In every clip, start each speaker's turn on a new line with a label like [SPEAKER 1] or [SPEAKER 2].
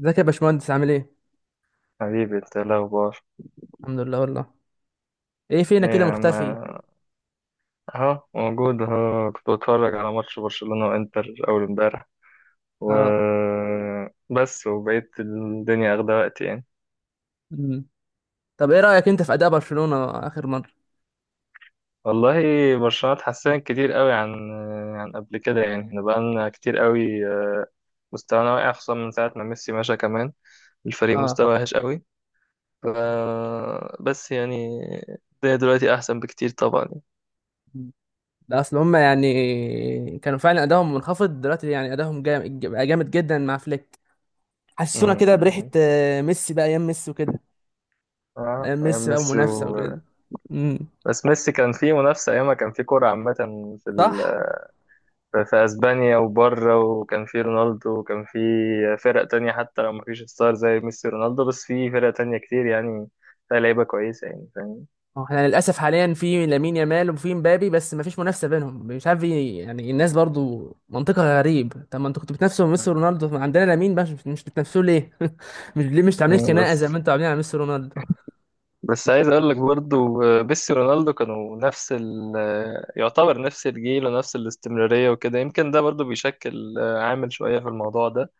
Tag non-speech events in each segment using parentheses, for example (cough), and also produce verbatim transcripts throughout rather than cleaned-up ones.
[SPEAKER 1] ازيك يا باشمهندس عامل ايه؟
[SPEAKER 2] حبيبي انت ايه الاخبار؟
[SPEAKER 1] الحمد لله والله. ايه
[SPEAKER 2] ايه
[SPEAKER 1] فينا كده
[SPEAKER 2] يا عم.
[SPEAKER 1] مختفي؟
[SPEAKER 2] اهو موجود اهو، كنت بتفرج على ماتش برشلونة وانتر اول امبارح، و
[SPEAKER 1] اه.
[SPEAKER 2] بس وبقيت الدنيا اخده وقت يعني.
[SPEAKER 1] مم. طب ايه رأيك انت في اداء برشلونة اخر مرة؟
[SPEAKER 2] والله، برشلونة اتحسنت كتير قوي عن عن قبل كده يعني، احنا بقالنا كتير قوي آه، مستوانا واقع خصوصا من ساعة ما ميسي مشى، كمان الفريق
[SPEAKER 1] اه.
[SPEAKER 2] مستواه وحش قوي. ف بس يعني الدنيا دلوقتي احسن بكتير طبعا.
[SPEAKER 1] مم. ده اصل هم يعني كانوا فعلا ادائهم منخفض دلوقتي، يعني ادائهم جامد جامد جدا مع فليك.
[SPEAKER 2] م-
[SPEAKER 1] حسونا كده
[SPEAKER 2] م-
[SPEAKER 1] بريحة
[SPEAKER 2] م.
[SPEAKER 1] آه، ميسي، بقى ايام ميسي وكده.
[SPEAKER 2] اه،
[SPEAKER 1] ايام
[SPEAKER 2] ايام
[SPEAKER 1] ميسي بقى
[SPEAKER 2] ميسي.
[SPEAKER 1] ومنافسة وكده. امم
[SPEAKER 2] بس ميسي كان فيه منافسة، أيامها كان فيه كورة عامة في ال...
[SPEAKER 1] صح.
[SPEAKER 2] في أسبانيا وبره، وكان فيه رونالدو وكان فيه فرق تانية، حتى لو مفيش ستار زي ميسي ورونالدو بس فيه فرق تانية كتير يعني، فيها لعيبة كويسة يعني، فاهم؟
[SPEAKER 1] هو احنا للاسف حاليا في لامين يامال وفي مبابي، بس مفيش منافسه بينهم، مش عارف ايه يعني. الناس برضو منطقها غريب، طب ما انتوا كنتوا بتنافسوا ميسي رونالدو، ما عندنا لامين بقى، مش مش بتنافسوه ليه؟ (laughs) مش ليه مش عاملين
[SPEAKER 2] مم،
[SPEAKER 1] خناقه
[SPEAKER 2] بس،
[SPEAKER 1] زي ما انتوا عاملين على ميسي رونالدو؟
[SPEAKER 2] بس عايز أقول لك برضو آه، ميسي ورونالدو كانوا نفس ال... آه، يعتبر نفس الجيل ونفس الاستمرارية وكده، يمكن ده برضو بيشكل آه، عامل شوية في الموضوع ده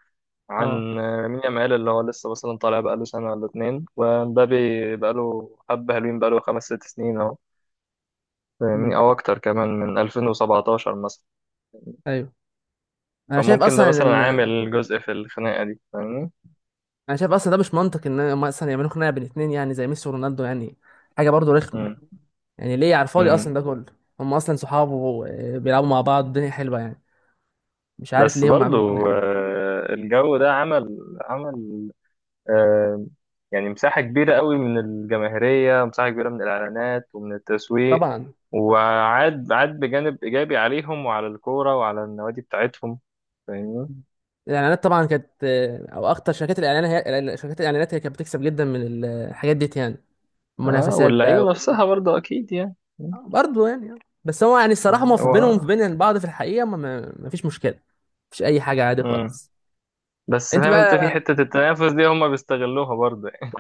[SPEAKER 1] اه.
[SPEAKER 2] عن مين يامال، اللي هو لسه مثلا طالع بقاله سنة ولا اتنين، ومبابي بقاله حبة، حلوين بقاله خمس ست سنين أهو،
[SPEAKER 1] مم.
[SPEAKER 2] فاهمني؟ أو أكتر كمان من ألفين وسبعة عشر مثلا،
[SPEAKER 1] ايوه. انا شايف
[SPEAKER 2] فممكن ده
[SPEAKER 1] اصلا
[SPEAKER 2] مثلا
[SPEAKER 1] ان
[SPEAKER 2] عامل جزء في الخناقة دي، فاهمني.
[SPEAKER 1] انا شايف اصلا ده مش منطق ان هم اصلا يعملوا خناقه بين اتنين يعني زي ميسي ورونالدو يعني. حاجه برضو رخمه،
[SPEAKER 2] مم.
[SPEAKER 1] يعني ليه على الفاضي اصلا
[SPEAKER 2] مم.
[SPEAKER 1] ده كله؟ هم اصلا صحاب وبيلعبوا مع بعض، الدنيا حلوه يعني، مش عارف
[SPEAKER 2] بس
[SPEAKER 1] ليه هم عملوا
[SPEAKER 2] برضو
[SPEAKER 1] خناقه.
[SPEAKER 2] آه، الجو ده عمل عمل آه، يعني مساحة كبيرة قوي من الجماهيرية، مساحة كبيرة من الإعلانات ومن التسويق،
[SPEAKER 1] طبعا
[SPEAKER 2] وعاد عاد بجانب إيجابي عليهم وعلى الكورة وعلى النوادي بتاعتهم، فاهمني؟
[SPEAKER 1] الاعلانات طبعا كانت آه، او اخطر شركات الاعلان. هي شركات الاعلانات هي كانت بتكسب جدا من الحاجات ديت يعني،
[SPEAKER 2] آه،
[SPEAKER 1] المنافسات بقى
[SPEAKER 2] واللعيبة
[SPEAKER 1] و...
[SPEAKER 2] نفسها برضه أكيد يعني.
[SPEAKER 1] برضه يعني آه. بس هو يعني الصراحه
[SPEAKER 2] آه،
[SPEAKER 1] ما في بينهم،
[SPEAKER 2] هو
[SPEAKER 1] في بين بعض في الحقيقه، ما, ما ما فيش مشكله. مفيش اي حاجه، عادي
[SPEAKER 2] مم.
[SPEAKER 1] خالص.
[SPEAKER 2] بس
[SPEAKER 1] انت
[SPEAKER 2] فاهم أنت؟ في
[SPEAKER 1] بقى
[SPEAKER 2] حتة التنافس دي هما بيستغلوها برضه يعني.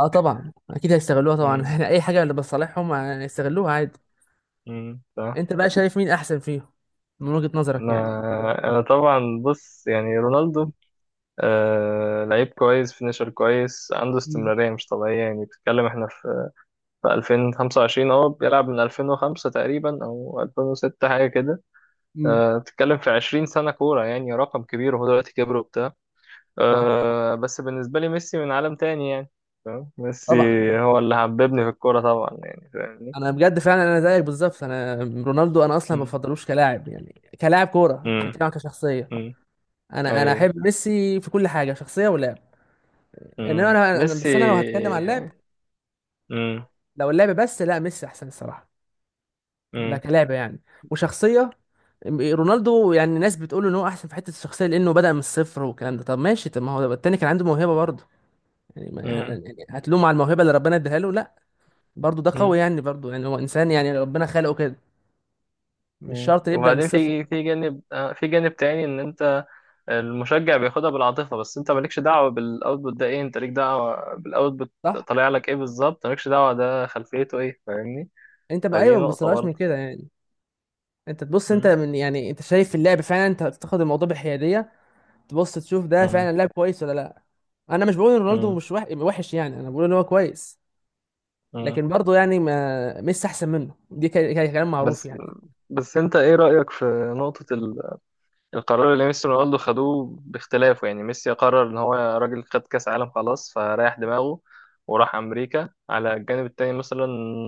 [SPEAKER 1] اه طبعا اكيد هيستغلوها طبعا (laughs)
[SPEAKER 2] مم.
[SPEAKER 1] يعني اي حاجه اللي بتصالحهم هيستغلوها عادي.
[SPEAKER 2] مم. صح.
[SPEAKER 1] انت بقى شايف مين احسن فيهم من وجهه نظرك يعني؟
[SPEAKER 2] أنا أنا طبعا، بص يعني رونالدو، آه... لعيب كويس، فينيشر كويس، عنده
[SPEAKER 1] مم.
[SPEAKER 2] استمرارية مش طبيعية يعني، بتتكلم احنا في في ألفين وخمسة وعشرين، اه بيلعب من ألفين وخمسة تقريبا او ألفين وستة حاجه كده.
[SPEAKER 1] مم.
[SPEAKER 2] أه، بتتكلم في عشرين سنه كوره يعني، رقم كبير، وهو دلوقتي كبر وبتاع.
[SPEAKER 1] اه
[SPEAKER 2] أه، بس بالنسبه لي ميسي من عالم تاني يعني، فاهم؟ ميسي
[SPEAKER 1] طبعا.
[SPEAKER 2] هو اللي حببني في الكوره طبعا يعني، فاهمني.
[SPEAKER 1] انا بجد فعلا انا زيك بالظبط. انا رونالدو انا اصلا ما
[SPEAKER 2] امم.
[SPEAKER 1] بفضلوش كلاعب، يعني كلاعب كوره، مش
[SPEAKER 2] امم.
[SPEAKER 1] هتكلم عن كشخصيه.
[SPEAKER 2] امم.
[SPEAKER 1] انا انا
[SPEAKER 2] اي.
[SPEAKER 1] احب ميسي في كل حاجه، شخصيه ولعب. انما
[SPEAKER 2] امم،
[SPEAKER 1] انا أنا-
[SPEAKER 2] ميسي.
[SPEAKER 1] بس انا لو هتكلم عن اللعب،
[SPEAKER 2] امم.
[SPEAKER 1] لو اللعب بس، لا ميسي احسن الصراحه. ده
[SPEAKER 2] امم.
[SPEAKER 1] كلاعب يعني، وشخصيه. رونالدو يعني ناس بتقول ان هو احسن في حته الشخصيه لانه بدا من الصفر والكلام ده. طب ماشي، طب ما هو التاني كان عنده موهبه برضه، يعني ما-
[SPEAKER 2] امم.
[SPEAKER 1] يعني هتلوم على الموهبه اللي ربنا اداها له؟ لا، برضه ده قوي يعني، برضه يعني هو انسان يعني ربنا خلقه كده، مش
[SPEAKER 2] امم
[SPEAKER 1] شرط يبدا من
[SPEAKER 2] وبعدين
[SPEAKER 1] الصفر.
[SPEAKER 2] في في جانب آه، في جانب تاني، ان انت المشجع بياخدها بالعاطفة، بس انت مالكش دعوة بالاوتبوت ده، ايه؟ انت ليك دعوة بالاوتبوت
[SPEAKER 1] صح.
[SPEAKER 2] طالع لك ايه بالظبط؟ مالكش دعوة، ده خلفيته ايه، فاهمني.
[SPEAKER 1] انت ما ايوه،
[SPEAKER 2] فدي
[SPEAKER 1] ما
[SPEAKER 2] نقطة
[SPEAKER 1] بتبصلهاش من
[SPEAKER 2] برضه.
[SPEAKER 1] كده يعني. انت تبص، انت
[SPEAKER 2] مم.
[SPEAKER 1] من يعني، انت شايف اللعب فعلا، انت تاخد الموضوع بحياديه، تبص تشوف ده
[SPEAKER 2] مم.
[SPEAKER 1] فعلا لاعب كويس ولا لا. انا مش بقول ان رونالدو
[SPEAKER 2] مم.
[SPEAKER 1] مش وح- وحش يعني، انا بقول ان هو كويس،
[SPEAKER 2] مم.
[SPEAKER 1] لكن برضه يعني ما ميسي احسن منه، دي ك- ك- كلام معروف
[SPEAKER 2] بس،
[SPEAKER 1] يعني.
[SPEAKER 2] بس انت ايه رأيك في نقطة ال القرار اللي ميسي ورونالدو خدوه باختلافه؟ يعني ميسي قرر ان هو راجل، خد كاس عالم خلاص، فريح دماغه وراح امريكا على الجانب التاني مثلا.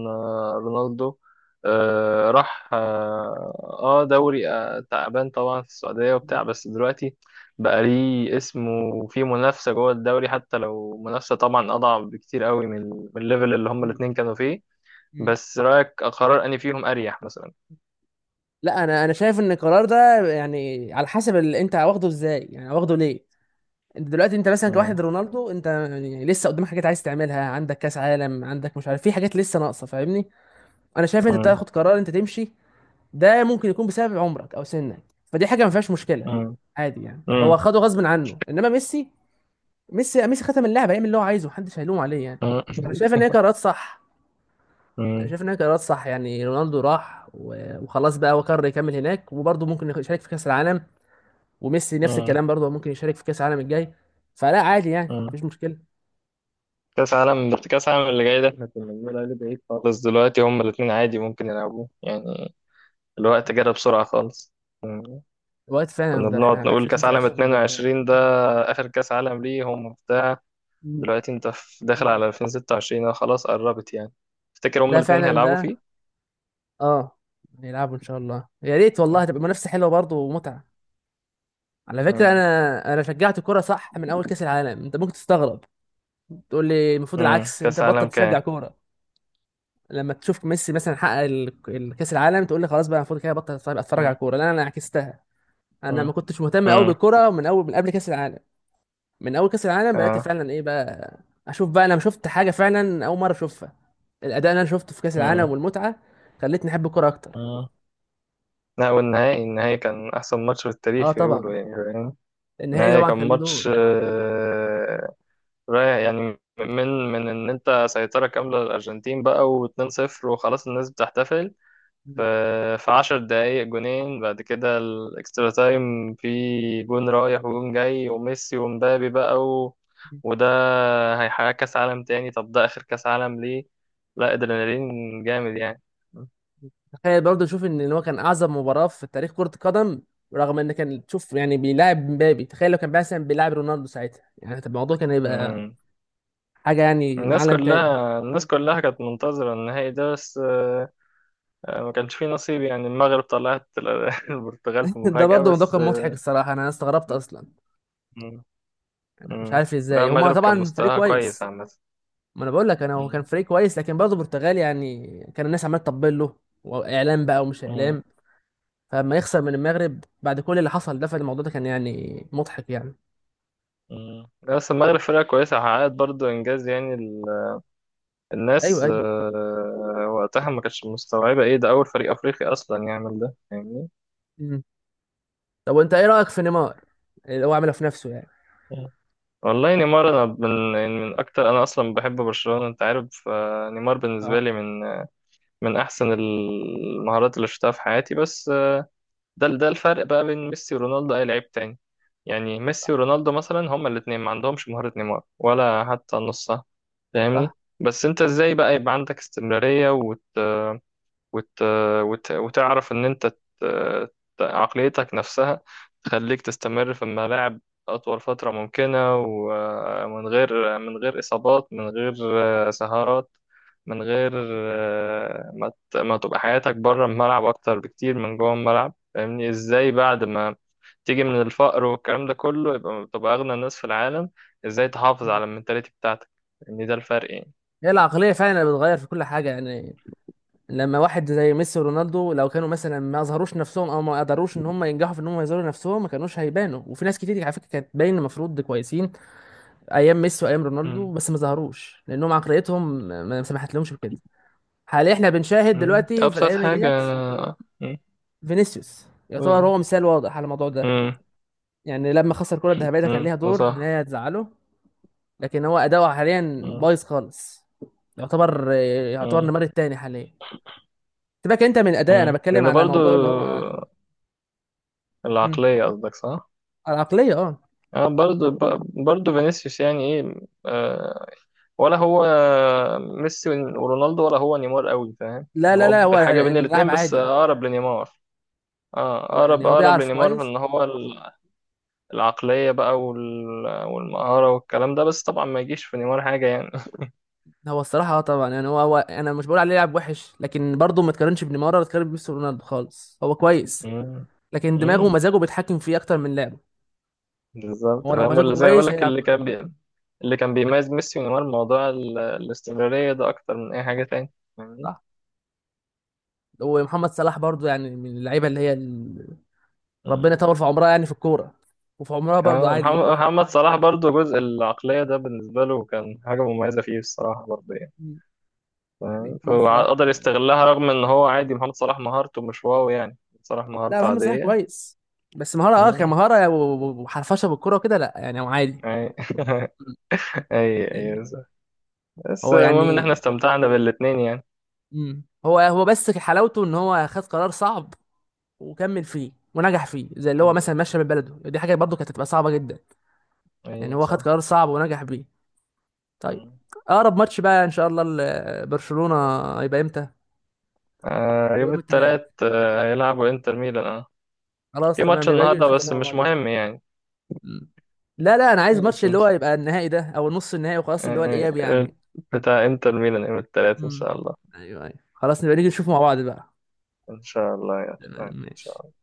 [SPEAKER 2] آه، رونالدو آه، راح اه آه، دوري آه، تعبان طبعا في السعودية وبتاع، بس دلوقتي بقى ليه اسم، وفيه منافسة جوه الدوري، حتى لو منافسة طبعا اضعف بكتير قوي من من الليفل اللي هما
[SPEAKER 1] مم.
[SPEAKER 2] الاتنين كانوا فيه.
[SPEAKER 1] مم.
[SPEAKER 2] بس رأيك، قرار اني فيهم اريح مثلا؟
[SPEAKER 1] لا انا انا شايف ان القرار ده يعني على حسب اللي انت واخده ازاي، يعني واخده ليه. انت دلوقتي، انت مثلا
[SPEAKER 2] مم.
[SPEAKER 1] كواحد رونالدو، انت يعني لسه قدامك حاجات عايز تعملها، عندك كاس عالم، عندك مش عارف، في حاجات لسه ناقصه فاهمني. انا شايف انت
[SPEAKER 2] مم.
[SPEAKER 1] بتاخد قرار انت تمشي، ده ممكن يكون بسبب عمرك او سنك، فدي حاجه ما فيهاش مشكله،
[SPEAKER 2] مم.
[SPEAKER 1] عادي يعني. هو خده غصب عنه، انما ميسي، ميسي ميسي ختم اللعبه، يعمل اللي هو عايزه، محدش هيلوم عليه يعني.
[SPEAKER 2] مم.
[SPEAKER 1] انا شايف ان هي قرارات صح. انا
[SPEAKER 2] مم.
[SPEAKER 1] شايف ان هي قرارات صح، يعني رونالدو راح و- وخلاص بقى، هو قرر يكمل هناك، وبرضه ممكن يشارك في كاس العالم. وميسي نفس
[SPEAKER 2] مم.
[SPEAKER 1] الكلام، برضه ممكن يشارك في كاس العالم الجاي. فلا عادي يعني،
[SPEAKER 2] مم.
[SPEAKER 1] مفيش مشكله.
[SPEAKER 2] كأس عالم، كأس عالم اللي جاي ده احنا كنا بنقول عليه بعيد خالص، دلوقتي هما الاتنين عادي ممكن يلعبوه يعني، الوقت جرى بسرعة خالص. مم.
[SPEAKER 1] الوقت فعلا
[SPEAKER 2] كنا
[SPEAKER 1] ده
[SPEAKER 2] بنقعد
[SPEAKER 1] احنا
[SPEAKER 2] نقول
[SPEAKER 1] في
[SPEAKER 2] كأس عالم
[SPEAKER 1] خمسة وعشرين.
[SPEAKER 2] اتنين وعشرين ده آخر كأس عالم ليه، هم بتاع،
[SPEAKER 1] مم.
[SPEAKER 2] دلوقتي انت في- داخل على ألفين وستة وعشرين أهو، خلاص قربت يعني، تفتكر هما
[SPEAKER 1] ده
[SPEAKER 2] الاتنين
[SPEAKER 1] فعلا
[SPEAKER 2] هيلعبوا فيه؟
[SPEAKER 1] بقى. اه نلعبوا ان شاء الله يا ريت والله،
[SPEAKER 2] مم.
[SPEAKER 1] تبقى منافسه حلوه برضه ومتعه. على فكرة
[SPEAKER 2] مم.
[SPEAKER 1] أنا أنا شجعت كورة صح من أول كأس العالم، أنت ممكن تستغرب، تقول لي المفروض
[SPEAKER 2] مم.
[SPEAKER 1] العكس أنت
[SPEAKER 2] كأس
[SPEAKER 1] بطل
[SPEAKER 2] عالم
[SPEAKER 1] تشجع
[SPEAKER 2] كام؟
[SPEAKER 1] كورة. لما تشوف ميسي مثلا حقق ال- ال- كأس العالم تقول لي خلاص بقى المفروض كده بطل أتفرج، أتفرج على
[SPEAKER 2] مم.
[SPEAKER 1] الكورة، لا أنا عكستها. أنا ما
[SPEAKER 2] مم.
[SPEAKER 1] كنتش مهتم أوي
[SPEAKER 2] مم.
[SPEAKER 1] بالكورة من أول، من قبل كأس العالم، من أول كأس العالم بقيت
[SPEAKER 2] آه.
[SPEAKER 1] فعلا إيه بقى، أشوف بقى. أنا شفت حاجة فعلا أول مرة أشوفها، الأداء اللي أنا شفته في كأس العالم
[SPEAKER 2] مم.
[SPEAKER 1] والمتعة خلتني أحب الكورة أكتر.
[SPEAKER 2] مم. لا، والنهائي النهائي كان أحسن ماتش في
[SPEAKER 1] أه
[SPEAKER 2] التاريخ يقولوا
[SPEAKER 1] طبعا.
[SPEAKER 2] يعني،
[SPEAKER 1] النهائي
[SPEAKER 2] نهاية
[SPEAKER 1] طبعا كان
[SPEAKER 2] كان
[SPEAKER 1] ليه دور.
[SPEAKER 2] ماتش آه، رايح يعني من من ان انت سيطرة كاملة للأرجنتين بقى و2-صفر وخلاص الناس بتحتفل، ف- في عشر دقايق جونين بعد كده، الاكسترا تايم في، جون رايح وجون جاي وميسي ومبابي بقى و... وده هيحقق كأس عالم تاني، طب ده آخر كأس عالم ليه، لا ادرينالين جامد يعني.
[SPEAKER 1] تخيل برضه، شوف ان هو كان اعظم مباراه في تاريخ كره القدم، رغم ان كان تشوف يعني بيلاعب مبابي، تخيل لو كان مثلا بيلاعب رونالدو ساعتها يعني، طب الموضوع كان هيبقى
[SPEAKER 2] مم.
[SPEAKER 1] حاجه يعني من
[SPEAKER 2] الناس
[SPEAKER 1] عالم تاني.
[SPEAKER 2] كلها، الناس كلها كانت منتظرة النهائي ده، بس آه، آه، ما كانش فيه نصيب يعني، المغرب طلعت ال- (laughs) البرتغال في
[SPEAKER 1] (laughs) ده
[SPEAKER 2] مفاجأة،
[SPEAKER 1] برضه موضوع
[SPEAKER 2] بس
[SPEAKER 1] كان مضحك
[SPEAKER 2] آه،
[SPEAKER 1] الصراحه، انا استغربت اصلا.
[SPEAKER 2] مم.
[SPEAKER 1] انا مش
[SPEAKER 2] مم.
[SPEAKER 1] عارف
[SPEAKER 2] لا،
[SPEAKER 1] ازاي، هما
[SPEAKER 2] المغرب كان
[SPEAKER 1] طبعا فريق
[SPEAKER 2] مستواها كويس
[SPEAKER 1] كويس،
[SPEAKER 2] عامة.
[SPEAKER 1] ما انا بقول لك انا هو كان
[SPEAKER 2] مم.
[SPEAKER 1] فريق كويس، لكن برضه البرتغال يعني كان الناس عماله تطبل له، واعلام بقى ومش
[SPEAKER 2] مم.
[SPEAKER 1] اعلام، فلما يخسر من المغرب بعد كل اللي حصل ده، فالموضوع ده كان يعني مضحك يعني.
[SPEAKER 2] مم. لا، بس المغرب فرقة كويسة، حققت برضو إنجاز يعني ال- الناس
[SPEAKER 1] ايوه ايوه.
[SPEAKER 2] آه، وقتها ما كانتش مستوعبة إيه ده، أول فريق أفريقي أصلا يعمل ده، فاهمني.
[SPEAKER 1] مم. طب وانت ايه رايك في نيمار اللي هو عمله في نفسه
[SPEAKER 2] مم. والله نيمار، أنا من يعني، من أكتر، أنا أصلا بحب برشلونة أنت عارف، فنيمار بالنسبة
[SPEAKER 1] يعني؟
[SPEAKER 2] لي من من أحسن المهارات اللي شفتها في حياتي. بس ده، ده الفرق بقى بين ميسي ورونالدو، اي لعيب تاني يعني، ميسي ورونالدو مثلا هما الاثنين ما عندهمش مهارة نيمار ولا حتى نصها، فاهمني.
[SPEAKER 1] صح.
[SPEAKER 2] بس انت ازاي بقى يبقى عندك استمرارية وت... وت... وتعرف ان انت ت... عقليتك نفسها تخليك تستمر في الملاعب اطول فترة ممكنة، ومن غير من غير اصابات، من غير آه، سهرات، من غير آه، ما ت... ما تبقى حياتك بره الملعب اكتر بكتير من جوه الملعب، فاهمني؟ ازاي بعد ما تيجي من الفقر والكلام ده كله، يبقى تبقى اغنى الناس في العالم، ازاي تحافظ على المنتاليتي بتاعتك، ان ده الفرق يعني.
[SPEAKER 1] هي العقلية فعلا اللي بتغير في كل حاجة يعني. لما واحد زي ميسي ورونالدو، لو كانوا مثلا ما اظهروش نفسهم او ما قدروش ان هم ينجحوا في ان هم يظهروا نفسهم، ما كانوش هيبانوا. وفي ناس كتير على فكرة كانت باين المفروض كويسين ايام ميسي وايام رونالدو،
[SPEAKER 2] مم.
[SPEAKER 1] بس ما ظهروش لانهم عقليتهم ما سمحت لهمش بكده. حاليا احنا بنشاهد
[SPEAKER 2] مم.
[SPEAKER 1] دلوقتي في
[SPEAKER 2] ابسط
[SPEAKER 1] الايام
[SPEAKER 2] حاجة.
[SPEAKER 1] ديت، فينيسيوس يعتبر
[SPEAKER 2] مم.
[SPEAKER 1] هو مثال واضح على الموضوع ده.
[SPEAKER 2] امم.
[SPEAKER 1] يعني لما خسر الكرة الذهبية، ده كان
[SPEAKER 2] امم.
[SPEAKER 1] ليها
[SPEAKER 2] ده
[SPEAKER 1] دور ان
[SPEAKER 2] صح.
[SPEAKER 1] هي تزعله، لكن هو اداؤه حاليا
[SPEAKER 2] امم.
[SPEAKER 1] بايظ خالص. يعتبر يعتبر
[SPEAKER 2] امم.
[SPEAKER 1] النمر التاني حاليا. سيبك انت من اداء، انا
[SPEAKER 2] امم
[SPEAKER 1] بتكلم
[SPEAKER 2] لأنه
[SPEAKER 1] على
[SPEAKER 2] برضو
[SPEAKER 1] موضوع اللي هو. مم.
[SPEAKER 2] العقلية قصدك، صح؟
[SPEAKER 1] العقليه اه.
[SPEAKER 2] اه برضو ب- برضو فينيسيوس، يعني ايه آه، ولا هو ميسي ورونالدو، ولا هو نيمار قوي، فاهم
[SPEAKER 1] لا
[SPEAKER 2] يعني؟
[SPEAKER 1] لا
[SPEAKER 2] هو
[SPEAKER 1] لا، هو
[SPEAKER 2] بحاجة بين
[SPEAKER 1] يعني
[SPEAKER 2] الاتنين
[SPEAKER 1] لاعب
[SPEAKER 2] بس
[SPEAKER 1] عادي.
[SPEAKER 2] أقرب لنيمار. اه،
[SPEAKER 1] هو يعني
[SPEAKER 2] أقرب،
[SPEAKER 1] هو
[SPEAKER 2] أقرب
[SPEAKER 1] بيعرف
[SPEAKER 2] لنيمار في
[SPEAKER 1] كويس.
[SPEAKER 2] إن هو ال- العقلية بقى وال- والمهارة والكلام ده، بس طبعا ما يجيش في نيمار حاجة يعني.
[SPEAKER 1] هو الصراحه اه طبعا يعني هو, هو انا مش بقول عليه لاعب وحش، لكن برضه ما تقارنش بنيمار، ولا تقارن بميسي ورونالدو خالص، هو كويس،
[SPEAKER 2] (laughs)
[SPEAKER 1] لكن دماغه
[SPEAKER 2] امم،
[SPEAKER 1] ومزاجه بيتحكم فيه اكتر من لعبه.
[SPEAKER 2] بالظبط،
[SPEAKER 1] هو لو
[SPEAKER 2] فاهم؟
[SPEAKER 1] مزاجه
[SPEAKER 2] ولا زي ما بقول
[SPEAKER 1] كويس
[SPEAKER 2] لك،
[SPEAKER 1] هيلعب
[SPEAKER 2] اللي
[SPEAKER 1] كويس.
[SPEAKER 2] كان بي... اللي كان بيميز ميسي ونيمار موضوع ال... الاستمرارية ده أكتر من أي حاجة تاني، فاهمني؟
[SPEAKER 1] صح. ومحمد صلاح برضه يعني من اللعيبه اللي هي ال... ربنا
[SPEAKER 2] مم.
[SPEAKER 1] يطول في عمرها يعني في الكوره، وفي عمرها برضه
[SPEAKER 2] اه،
[SPEAKER 1] عادي
[SPEAKER 2] محمد
[SPEAKER 1] يعني.
[SPEAKER 2] محمد صلاح برضو، جزء العقلية ده بالنسبة له كان حاجة مميزة فيه الصراحة برضه يعني،
[SPEAKER 1] مم. يعني
[SPEAKER 2] فاهم؟
[SPEAKER 1] محمد صلاح.
[SPEAKER 2] فقدر يستغلها، رغم إن هو عادي، محمد صلاح مهارته مش واو يعني، صلاح
[SPEAKER 1] لا
[SPEAKER 2] مهارته
[SPEAKER 1] محمد صلاح
[SPEAKER 2] عادية.
[SPEAKER 1] كويس، بس مهارة اه
[SPEAKER 2] مم.
[SPEAKER 1] كمهارة و- و- وحرفشة بالكرة وكده لا، يعني هو عادي.
[SPEAKER 2] أي (laughs)
[SPEAKER 1] مم.
[SPEAKER 2] أي. أي،
[SPEAKER 1] يعني
[SPEAKER 2] بس بس
[SPEAKER 1] هو
[SPEAKER 2] المهم إن إحنا
[SPEAKER 1] يعني.
[SPEAKER 2] استمتعنا بالاتنين يعني.
[SPEAKER 1] مم. هو هو بس حلاوته ان هو خد قرار صعب وكمل فيه ونجح فيه. زي اللي هو
[SPEAKER 2] مم.
[SPEAKER 1] مثلا مشى من بلده، دي حاجة برضه كانت هتبقى صعبة جدا. يعني
[SPEAKER 2] أيوه،
[SPEAKER 1] هو خد
[SPEAKER 2] صح.
[SPEAKER 1] قرار صعب ونجح بيه. طيب،
[SPEAKER 2] مم.
[SPEAKER 1] اقرب ماتش بقى ان شاء الله ل- برشلونة هيبقى امتى؟
[SPEAKER 2] آه،
[SPEAKER 1] اللي هو
[SPEAKER 2] يوم
[SPEAKER 1] يوم التلات.
[SPEAKER 2] التلات آه، هيلعبوا إنتر ميلان،
[SPEAKER 1] خلاص
[SPEAKER 2] في
[SPEAKER 1] تمام،
[SPEAKER 2] ماتش
[SPEAKER 1] يبقى اجي
[SPEAKER 2] النهارده
[SPEAKER 1] نشوف
[SPEAKER 2] بس
[SPEAKER 1] مع
[SPEAKER 2] مش
[SPEAKER 1] بعض بقى.
[SPEAKER 2] مهم يعني.
[SPEAKER 1] مم. لا لا انا عايز ماتش
[SPEAKER 2] ماشي.
[SPEAKER 1] اللي هو
[SPEAKER 2] ماشي.
[SPEAKER 1] يبقى النهائي ده او نص النهائي وخلاص، اللي هو الاياب
[SPEAKER 2] آه،
[SPEAKER 1] يعني.
[SPEAKER 2] بتاع انتر ميلان يوم الثلاث ان
[SPEAKER 1] امم
[SPEAKER 2] شاء الله.
[SPEAKER 1] ايوه ايوه، خلاص نبقى نيجي نشوف مع بعض بقى.
[SPEAKER 2] ان شاء الله يا أخي.
[SPEAKER 1] تمام
[SPEAKER 2] ان شاء
[SPEAKER 1] ماشي.
[SPEAKER 2] الله.